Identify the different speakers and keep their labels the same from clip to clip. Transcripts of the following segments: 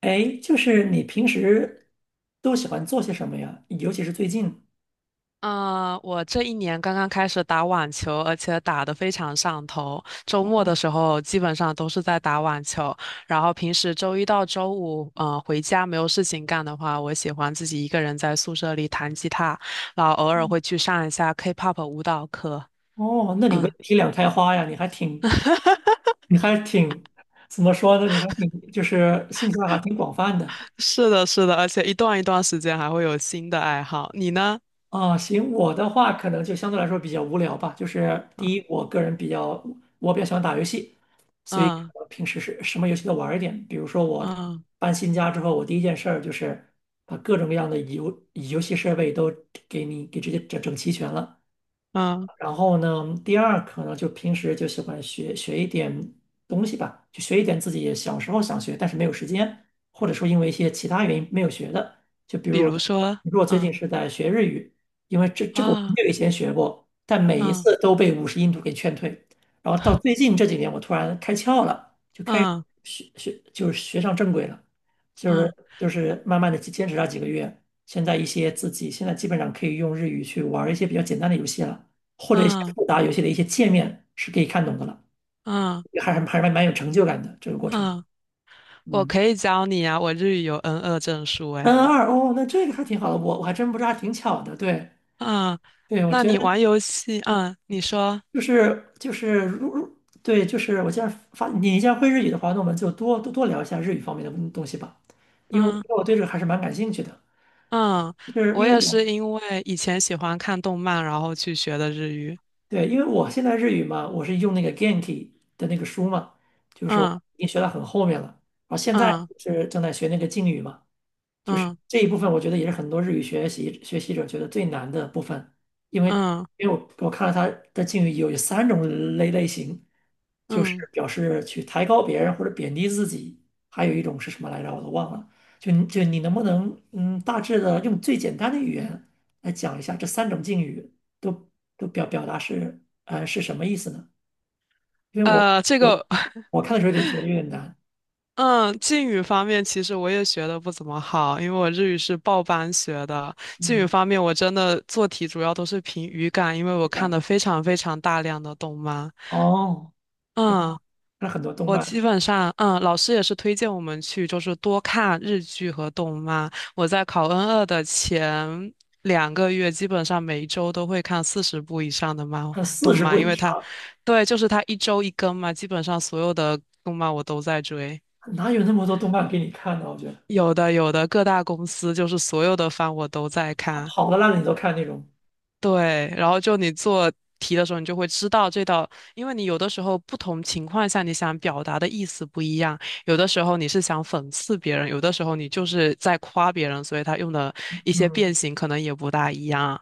Speaker 1: 哎，就是你平时都喜欢做些什么呀？尤其是最近。
Speaker 2: 嗯，我这一年刚刚开始打网球，而且打得非常上头。周末的时候基本上都是在打网球，然后平时周一到周五，回家没有事情干的话，我喜欢自己一个人在宿舍里弹吉他，然后偶尔
Speaker 1: 嗯
Speaker 2: 会去上一下 K-pop 舞蹈课。
Speaker 1: 哦，那你文
Speaker 2: 嗯，
Speaker 1: 体两开花呀，你还挺，你还挺，怎么说呢？你还挺，就是兴趣爱好挺广泛的。
Speaker 2: 是的，是的，而且一段一段时间还会有新的爱好。你呢？
Speaker 1: 行，我的话可能就相对来说比较无聊吧。就是第一，
Speaker 2: 嗯
Speaker 1: 我个人比较，我比较喜欢打游戏，所以
Speaker 2: 嗯
Speaker 1: 平时是什么游戏都玩儿一点。比如说我
Speaker 2: 嗯
Speaker 1: 搬新家之后，我第一件事儿就是把各种各样的游戏设备都给你给直接整整齐全了。
Speaker 2: 嗯，
Speaker 1: 然后呢，第二可能就平时就喜欢学一点东西吧，就学一点自己小时候想学但是没有时间，或者说因为一些其他原因没有学的。就比
Speaker 2: 比
Speaker 1: 如我，
Speaker 2: 如说，
Speaker 1: 比如我最近
Speaker 2: 嗯
Speaker 1: 是在学日语，因为这个我很
Speaker 2: 啊
Speaker 1: 久以前学过，但每一
Speaker 2: 嗯
Speaker 1: 次都被五十音图给劝退。然后到最近这几年，我突然开窍了，
Speaker 2: 嗯
Speaker 1: 学学就是学上正轨了，
Speaker 2: 嗯
Speaker 1: 慢慢的坚持了几个月，现在一些自己现在基本上可以用日语去玩一些比较简单的游戏了，或者一些
Speaker 2: 嗯
Speaker 1: 复杂游戏的一些界面是可以看懂的了，
Speaker 2: 嗯。嗯
Speaker 1: 还是蛮有成就感的这个过程。
Speaker 2: 嗯，我
Speaker 1: 嗯
Speaker 2: 可以教你啊，我日语有 n 二证书
Speaker 1: ，N
Speaker 2: 诶。
Speaker 1: 二哦，那这个还挺好的，我还真不知道，还挺巧的。对
Speaker 2: 嗯，
Speaker 1: 对，我
Speaker 2: 那
Speaker 1: 觉得
Speaker 2: 你玩游戏，嗯，你说，
Speaker 1: 就是就是如如对，就是我既然发你既然会日语的话，那我们就多聊一下日语方面的东西吧，因为因
Speaker 2: 嗯
Speaker 1: 为我对这个还是蛮感兴趣的。
Speaker 2: 嗯，
Speaker 1: 就是
Speaker 2: 我
Speaker 1: 因为
Speaker 2: 也是
Speaker 1: 我
Speaker 2: 因为以前喜欢看动漫，然后去学的日语。
Speaker 1: 对，因为我现在日语嘛，我是用那个 Genki 的那个书嘛，就是我
Speaker 2: 嗯
Speaker 1: 已经学到很后面了，然后现在
Speaker 2: 嗯
Speaker 1: 是正在学那个敬语嘛，就是
Speaker 2: 嗯
Speaker 1: 这一部分我觉得也是很多日语学习者觉得最难的部分，因为
Speaker 2: 嗯
Speaker 1: 因为我我看了他的敬语有三种类型，就是
Speaker 2: 嗯，
Speaker 1: 表示去抬高别人或者贬低自己，还有一种是什么来着？我都忘了。就你能不能嗯，大致的用最简单的语言来讲一下这三种敬语都都表达是什么意思呢？因为我
Speaker 2: 这
Speaker 1: 我
Speaker 2: 个，
Speaker 1: 我看的时候觉得有点难，
Speaker 2: 嗯，敬语方面其实我也学的不怎么好，因为我日语是报班学的。敬语
Speaker 1: 嗯，
Speaker 2: 方面，我真的做题主要都是凭语感，因为我
Speaker 1: 对
Speaker 2: 看的
Speaker 1: 吧？
Speaker 2: 非常非常大量的动漫。
Speaker 1: 哦，
Speaker 2: 嗯。
Speaker 1: 看了很多动
Speaker 2: 我
Speaker 1: 漫，
Speaker 2: 基本上，老师也是推荐我们去，就是多看日剧和动漫。我在考 N 二的前2个月，基本上每一周都会看40部以上的漫
Speaker 1: 看四
Speaker 2: 动
Speaker 1: 十
Speaker 2: 漫，
Speaker 1: 部
Speaker 2: 因
Speaker 1: 以
Speaker 2: 为它，
Speaker 1: 上，
Speaker 2: 对，就是它一周一更嘛，基本上所有的动漫我都在追，
Speaker 1: 哪有那么多动漫给你看呢？我觉得
Speaker 2: 有的各大公司就是所有的番我都在
Speaker 1: 好
Speaker 2: 看，
Speaker 1: 好的烂的你都看那种，
Speaker 2: 对，然后就你做题的时候，你就会知道这道，因为你有的时候不同情况下你想表达的意思不一样，有的时候你是想讽刺别人，有的时候你就是在夸别人，所以他用的一些
Speaker 1: 嗯，
Speaker 2: 变形可能也不大一样。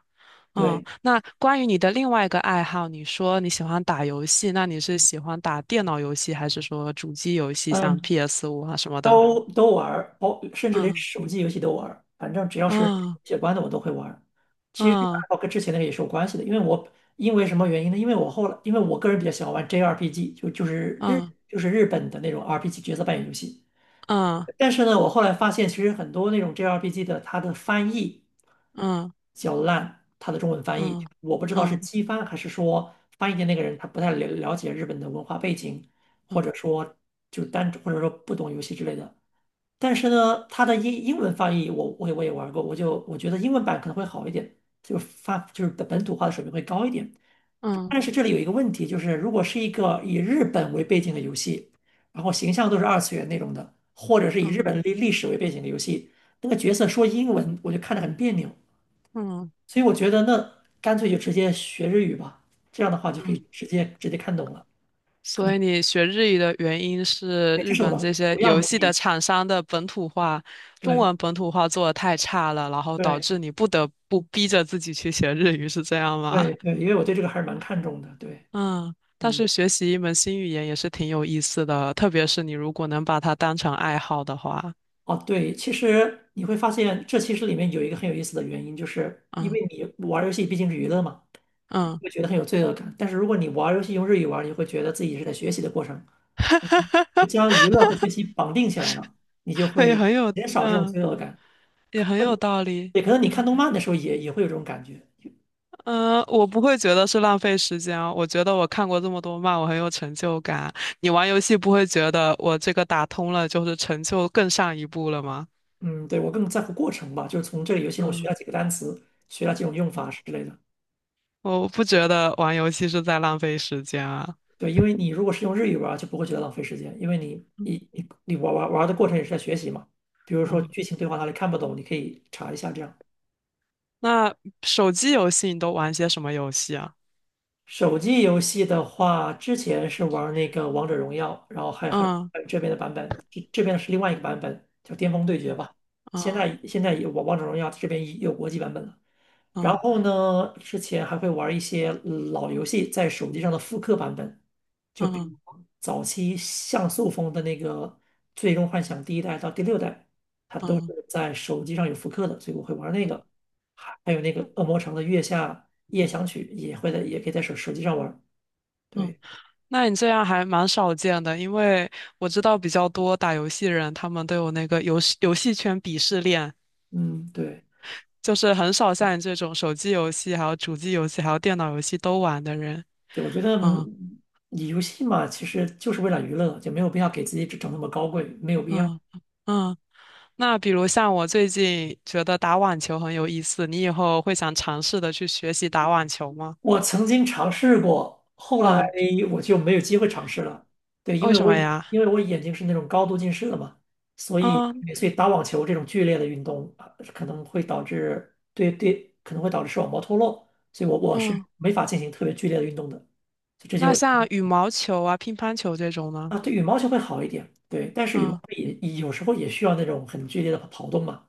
Speaker 2: 嗯，
Speaker 1: 对。
Speaker 2: 那关于你的另外一个爱好，你说你喜欢打游戏，那你是喜欢打电脑游戏，还是说主机游戏，像
Speaker 1: 嗯。
Speaker 2: PS5啊什么的？
Speaker 1: 都都玩儿，包甚至连
Speaker 2: 嗯
Speaker 1: 手机游戏都玩儿，反正只要是
Speaker 2: 嗯
Speaker 1: 写关的我都会玩儿。其实这个爱
Speaker 2: 嗯
Speaker 1: 好跟之前那个也是有关系的，因为什么原因呢？因为我个人比较喜欢玩 JRPG，就就是日
Speaker 2: 嗯
Speaker 1: 就是日本的那种 RPG 角色扮演游戏。
Speaker 2: 嗯
Speaker 1: 但是呢，我后来发现其实很多那种 JRPG 的它的翻译
Speaker 2: 嗯
Speaker 1: 较烂，它的中文翻译
Speaker 2: 嗯
Speaker 1: 我不知道是
Speaker 2: 嗯
Speaker 1: 机翻还是说翻译的那个人他不太了解日本的文化背景，或者
Speaker 2: 嗯
Speaker 1: 说或者说不懂游戏之类的。但是呢，它的英文翻译我也玩过，我觉得英文版可能会好一点，就是发就是本土化的水平会高一点。
Speaker 2: 嗯嗯。
Speaker 1: 但是这里有一个问题，就是如果是一个以日本为背景的游戏，然后形象都是二次元那种的，或者是以日本
Speaker 2: 嗯
Speaker 1: 的历史为背景的游戏，那个角色说英文我就看着很别扭，
Speaker 2: 嗯
Speaker 1: 所以我觉得那干脆就直接学日语吧，这样的话就可以
Speaker 2: 嗯，
Speaker 1: 直接看懂了，可
Speaker 2: 所
Speaker 1: 能
Speaker 2: 以你学日语的原因是
Speaker 1: 对，这
Speaker 2: 日
Speaker 1: 是我
Speaker 2: 本这
Speaker 1: 的
Speaker 2: 些
Speaker 1: 主要
Speaker 2: 游
Speaker 1: 目
Speaker 2: 戏的
Speaker 1: 的。
Speaker 2: 厂商的本土化，中
Speaker 1: 对
Speaker 2: 文本土化做的太差了，然后导
Speaker 1: 对
Speaker 2: 致你不得不逼着自己去学日语，是这样吗？
Speaker 1: 对。因为我对这个还是蛮看重的，对。
Speaker 2: 嗯，但
Speaker 1: 嗯。
Speaker 2: 是学习一门新语言也是挺有意思的，特别是你如果能把它当成爱好的话，
Speaker 1: 哦，对，其实你会发现，这其实里面有一个很有意思的原因，就是因
Speaker 2: 嗯
Speaker 1: 为你玩儿游戏毕竟是娱乐嘛，你
Speaker 2: 嗯，
Speaker 1: 会觉得很有罪恶感。但是如果你玩儿游戏用日语玩儿你会觉得自己是在学习的过程，将娱乐和学习绑定起来了，你就
Speaker 2: 也
Speaker 1: 会
Speaker 2: 很有
Speaker 1: 减少这种
Speaker 2: 嗯
Speaker 1: 罪恶感。
Speaker 2: 也很
Speaker 1: 嗯，
Speaker 2: 有道理，
Speaker 1: 对，可能你
Speaker 2: 嗯。
Speaker 1: 看动漫的时候也会有这种感觉。
Speaker 2: 嗯，我不会觉得是浪费时间啊，我觉得我看过这么多漫，我很有成就感。你玩游戏不会觉得我这个打通了就是成就更上一步了吗？
Speaker 1: 嗯，对，我更在乎过程吧，就是从这个游戏中我学
Speaker 2: 嗯，
Speaker 1: 了几个单词，学了几种用法之类的。
Speaker 2: 我不觉得玩游戏是在浪费时间啊。
Speaker 1: 对，因为你如果是用日语玩儿，就不会觉得浪费时间，因为你
Speaker 2: 嗯
Speaker 1: 你你你玩玩玩的过程也是在学习嘛。比如说
Speaker 2: 嗯，
Speaker 1: 剧情对话哪里看不懂，你可以查一下这样。
Speaker 2: 那手机游戏你都玩些什么游戏啊？
Speaker 1: 手机游戏的话，之前是玩那个《王者荣耀》，然后还还
Speaker 2: 嗯
Speaker 1: 还有这边的版本，这边是另外一个版本叫《巅峰对决》吧。现
Speaker 2: 嗯
Speaker 1: 在现在也王王者荣耀这边也有国际版本了。然
Speaker 2: 嗯
Speaker 1: 后呢，之前还会玩一些老游戏在手机上的复刻版本，就比
Speaker 2: 嗯
Speaker 1: 如早期像素风的那个《最终幻想》第一代到第六代，它都是
Speaker 2: 嗯
Speaker 1: 在手机上有复刻的，所以我会玩那
Speaker 2: 嗯
Speaker 1: 个。还有那个《恶魔城》的《月下夜想曲》也会在，也可以在手机上玩。
Speaker 2: 嗯，
Speaker 1: 对，
Speaker 2: 那你这样还蛮少见的，因为我知道比较多打游戏人，他们都有那个游戏圈鄙视链。
Speaker 1: 嗯，对，
Speaker 2: 就是很少像你这种手机游戏、还有主机游戏、还有电脑游戏都玩的人。
Speaker 1: 对，我觉得
Speaker 2: 嗯
Speaker 1: 你游戏嘛，其实就是为了娱乐，就没有必要给自己整整那么高贵，没有必要。
Speaker 2: 嗯嗯。那比如像我最近觉得打网球很有意思，你以后会想尝试的去学习打网球吗？
Speaker 1: 我曾经尝试过，后来
Speaker 2: 嗯，
Speaker 1: 嗯我就没有机会尝试了。对，
Speaker 2: 为什么呀？
Speaker 1: 因为我眼睛是那种高度近视的嘛，所以
Speaker 2: 嗯
Speaker 1: 所以打网球这种剧烈的运动啊，可能会导致可能会导致视网膜脱落，所以我是
Speaker 2: 嗯。
Speaker 1: 没法进行特别剧烈的运动的。就这就
Speaker 2: 那像羽毛球啊、乒乓球这种呢？
Speaker 1: 啊，对，羽毛球会好一点，对，但是羽毛球
Speaker 2: 嗯
Speaker 1: 也有时候也需要那种很剧烈的跑动嘛，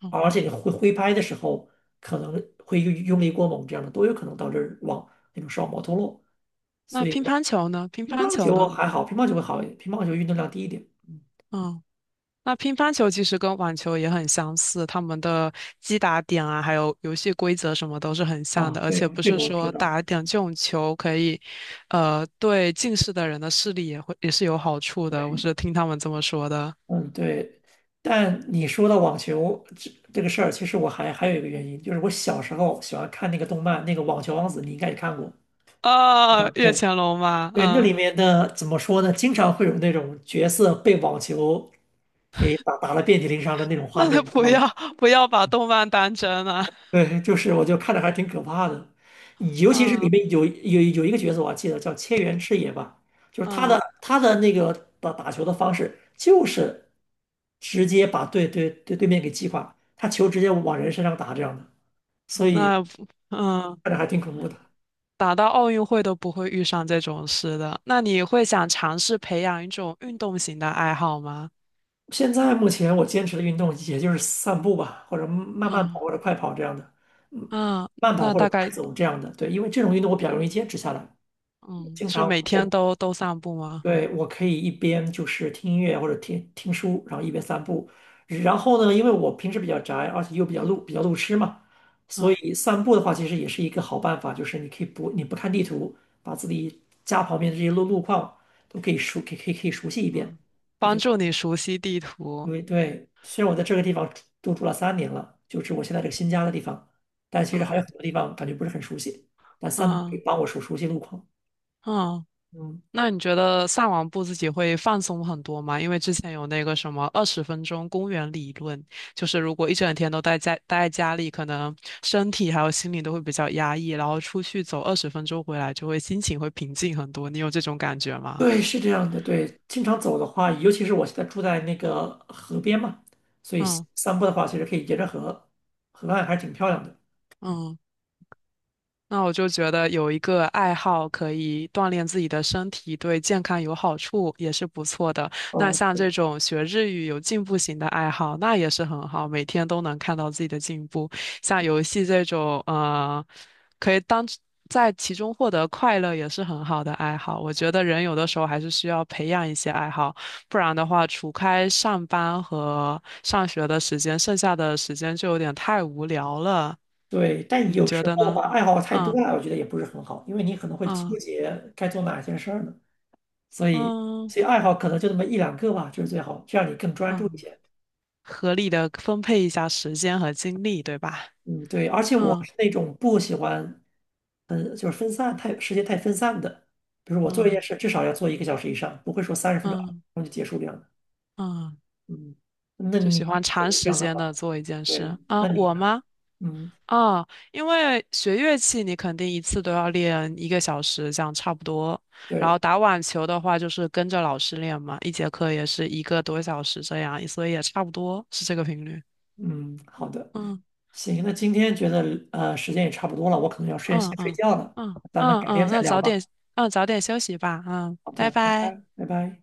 Speaker 2: 嗯。
Speaker 1: 而且你挥拍的时候可能会用力过猛，这样的都有可能导致网那种视网膜脱落。
Speaker 2: 那
Speaker 1: 所以
Speaker 2: 乒
Speaker 1: 我
Speaker 2: 乓球呢？乒
Speaker 1: 乒
Speaker 2: 乓
Speaker 1: 乓
Speaker 2: 球
Speaker 1: 球
Speaker 2: 呢？
Speaker 1: 还好，乒乓球会好一点，乒乓球运动量低一点。
Speaker 2: 嗯。那乒乓球其实跟网球也很相似，他们的击打点啊，还有游戏规则什么都是很像的，
Speaker 1: 啊，
Speaker 2: 而且
Speaker 1: 对，
Speaker 2: 不
Speaker 1: 这
Speaker 2: 是
Speaker 1: 个我知
Speaker 2: 说
Speaker 1: 道。
Speaker 2: 打点这种球可以，对近视的人的视力也是有好处的。我
Speaker 1: 对
Speaker 2: 是听他们这么说的。
Speaker 1: 嗯，对。但你说到网球这个事儿，其实我还有一个原因，就是我小时候喜欢看那个动漫，那个《网球王子》，你应该也看过。对
Speaker 2: 啊，
Speaker 1: 吧
Speaker 2: 越
Speaker 1: 对
Speaker 2: 前龙嘛，
Speaker 1: 对，那
Speaker 2: 嗯，
Speaker 1: 里面的怎么说呢？经常会有那种角色被网球给打了遍体鳞伤的那种 画
Speaker 2: 那就
Speaker 1: 面，你知
Speaker 2: 不
Speaker 1: 道吗？
Speaker 2: 要不要把动漫当真了。
Speaker 1: 对，就是我就看着还挺可怕的，尤其是里
Speaker 2: 那
Speaker 1: 面有一个角色我还记得叫千原赤野吧，就是他
Speaker 2: 嗯，
Speaker 1: 的他的那个打球的方式就是直接把对面给击垮，他球直接往人身上打这样的，所以
Speaker 2: 那嗯，
Speaker 1: 看着还挺恐怖的。
Speaker 2: 打到奥运会都不会遇上这种事的。那你会想尝试培养一种运动型的爱好吗？
Speaker 1: 现在目前我坚持的运动也就是散步吧，或者慢慢跑或
Speaker 2: 嗯。
Speaker 1: 者快跑这样的，嗯，
Speaker 2: 啊，
Speaker 1: 慢跑
Speaker 2: 那
Speaker 1: 或者
Speaker 2: 大
Speaker 1: 快
Speaker 2: 概
Speaker 1: 走这样的。对，因为这种运动我比较容易坚持下来。
Speaker 2: 嗯，
Speaker 1: 经
Speaker 2: 是
Speaker 1: 常
Speaker 2: 每天
Speaker 1: 我
Speaker 2: 都散步吗？
Speaker 1: 对我可以一边就是听音乐或者听听书，然后一边散步。然后呢，因为我平时比较宅，而且又比较路痴嘛，
Speaker 2: 嗯
Speaker 1: 所以散步的话其实也是一个好办法，你可以不看地图，把自己家旁边的这些路况都可以熟可以可以可以熟悉一遍。
Speaker 2: 嗯，
Speaker 1: 我觉
Speaker 2: 帮
Speaker 1: 得。
Speaker 2: 助你熟悉地图。
Speaker 1: 对对，虽然我在这个地方住了三年了，就是我现在这个新家的地方，但其实还有
Speaker 2: 嗯
Speaker 1: 很多地方感觉不是很熟悉。但三步可以
Speaker 2: 嗯
Speaker 1: 帮我熟悉路况。
Speaker 2: 嗯，
Speaker 1: 嗯，
Speaker 2: 那你觉得散完步自己会放松很多吗？因为之前有那个什么二十分钟公园理论，就是如果一整天都待在家里，可能身体还有心理都会比较压抑，然后出去走二十分钟回来，就会心情会平静很多。你有这种感觉吗？
Speaker 1: 对，是这样的。对，经常走的话，尤其是我现在住在那个河边嘛，所以
Speaker 2: 嗯
Speaker 1: 散步的话，其实可以沿着河岸，还是挺漂亮的。
Speaker 2: 嗯，那我就觉得有一个爱好可以锻炼自己的身体，对健康有好处，也是不错的。那
Speaker 1: 哦，
Speaker 2: 像这
Speaker 1: 对
Speaker 2: 种学日语有进步型的爱好，那也是很好，每天都能看到自己的进步。像游戏这种，可以当在其中获得快乐，也是很好的爱好。我觉得人有的时候还是需要培养一些爱好，不然的话，除开上班和上学的时间，剩下的时间就有点太无聊了。
Speaker 1: 对，但
Speaker 2: 你
Speaker 1: 有
Speaker 2: 觉
Speaker 1: 时
Speaker 2: 得
Speaker 1: 候
Speaker 2: 呢？
Speaker 1: 吧，爱好太多
Speaker 2: 嗯。
Speaker 1: 了，我觉得也不是很好，因为你可能会纠
Speaker 2: 嗯
Speaker 1: 结该做哪件事儿呢。所以，
Speaker 2: 嗯
Speaker 1: 所以爱好可能就那么一两个吧，就是最好，这样你更专注一
Speaker 2: 嗯，
Speaker 1: 些。
Speaker 2: 合理的分配一下时间和精力，对吧？
Speaker 1: 嗯，对，而且我
Speaker 2: 嗯
Speaker 1: 是那种不喜欢，嗯，就是分散太时间太分散的，比如我做一件
Speaker 2: 嗯
Speaker 1: 事至少要做1个小时以上，不会说30分钟然
Speaker 2: 嗯
Speaker 1: 后就结束这样的。
Speaker 2: 嗯，
Speaker 1: 嗯，那
Speaker 2: 就
Speaker 1: 你
Speaker 2: 喜
Speaker 1: 也
Speaker 2: 欢长
Speaker 1: 是这
Speaker 2: 时
Speaker 1: 样的
Speaker 2: 间
Speaker 1: 吗？
Speaker 2: 的做一件事
Speaker 1: 对，
Speaker 2: 啊，
Speaker 1: 那你
Speaker 2: 我
Speaker 1: 呢？
Speaker 2: 吗？
Speaker 1: 嗯，
Speaker 2: 啊，因为学乐器你肯定一次都要练一个小时，这样差不多。然后
Speaker 1: 对，
Speaker 2: 打网球的话，就是跟着老师练嘛，一节课也是一个多小时这样，所以也差不多是这个频率。
Speaker 1: 嗯，好的，
Speaker 2: 嗯
Speaker 1: 行，那今天觉得时间也差不多了，我可能要睡
Speaker 2: 嗯
Speaker 1: 先睡
Speaker 2: 嗯
Speaker 1: 觉了，
Speaker 2: 嗯
Speaker 1: 咱们
Speaker 2: 嗯
Speaker 1: 改天
Speaker 2: 嗯，
Speaker 1: 再
Speaker 2: 那
Speaker 1: 聊
Speaker 2: 早点
Speaker 1: 吧。
Speaker 2: 休息吧，嗯，
Speaker 1: 好
Speaker 2: 拜
Speaker 1: 的，拜
Speaker 2: 拜。
Speaker 1: 拜，拜拜。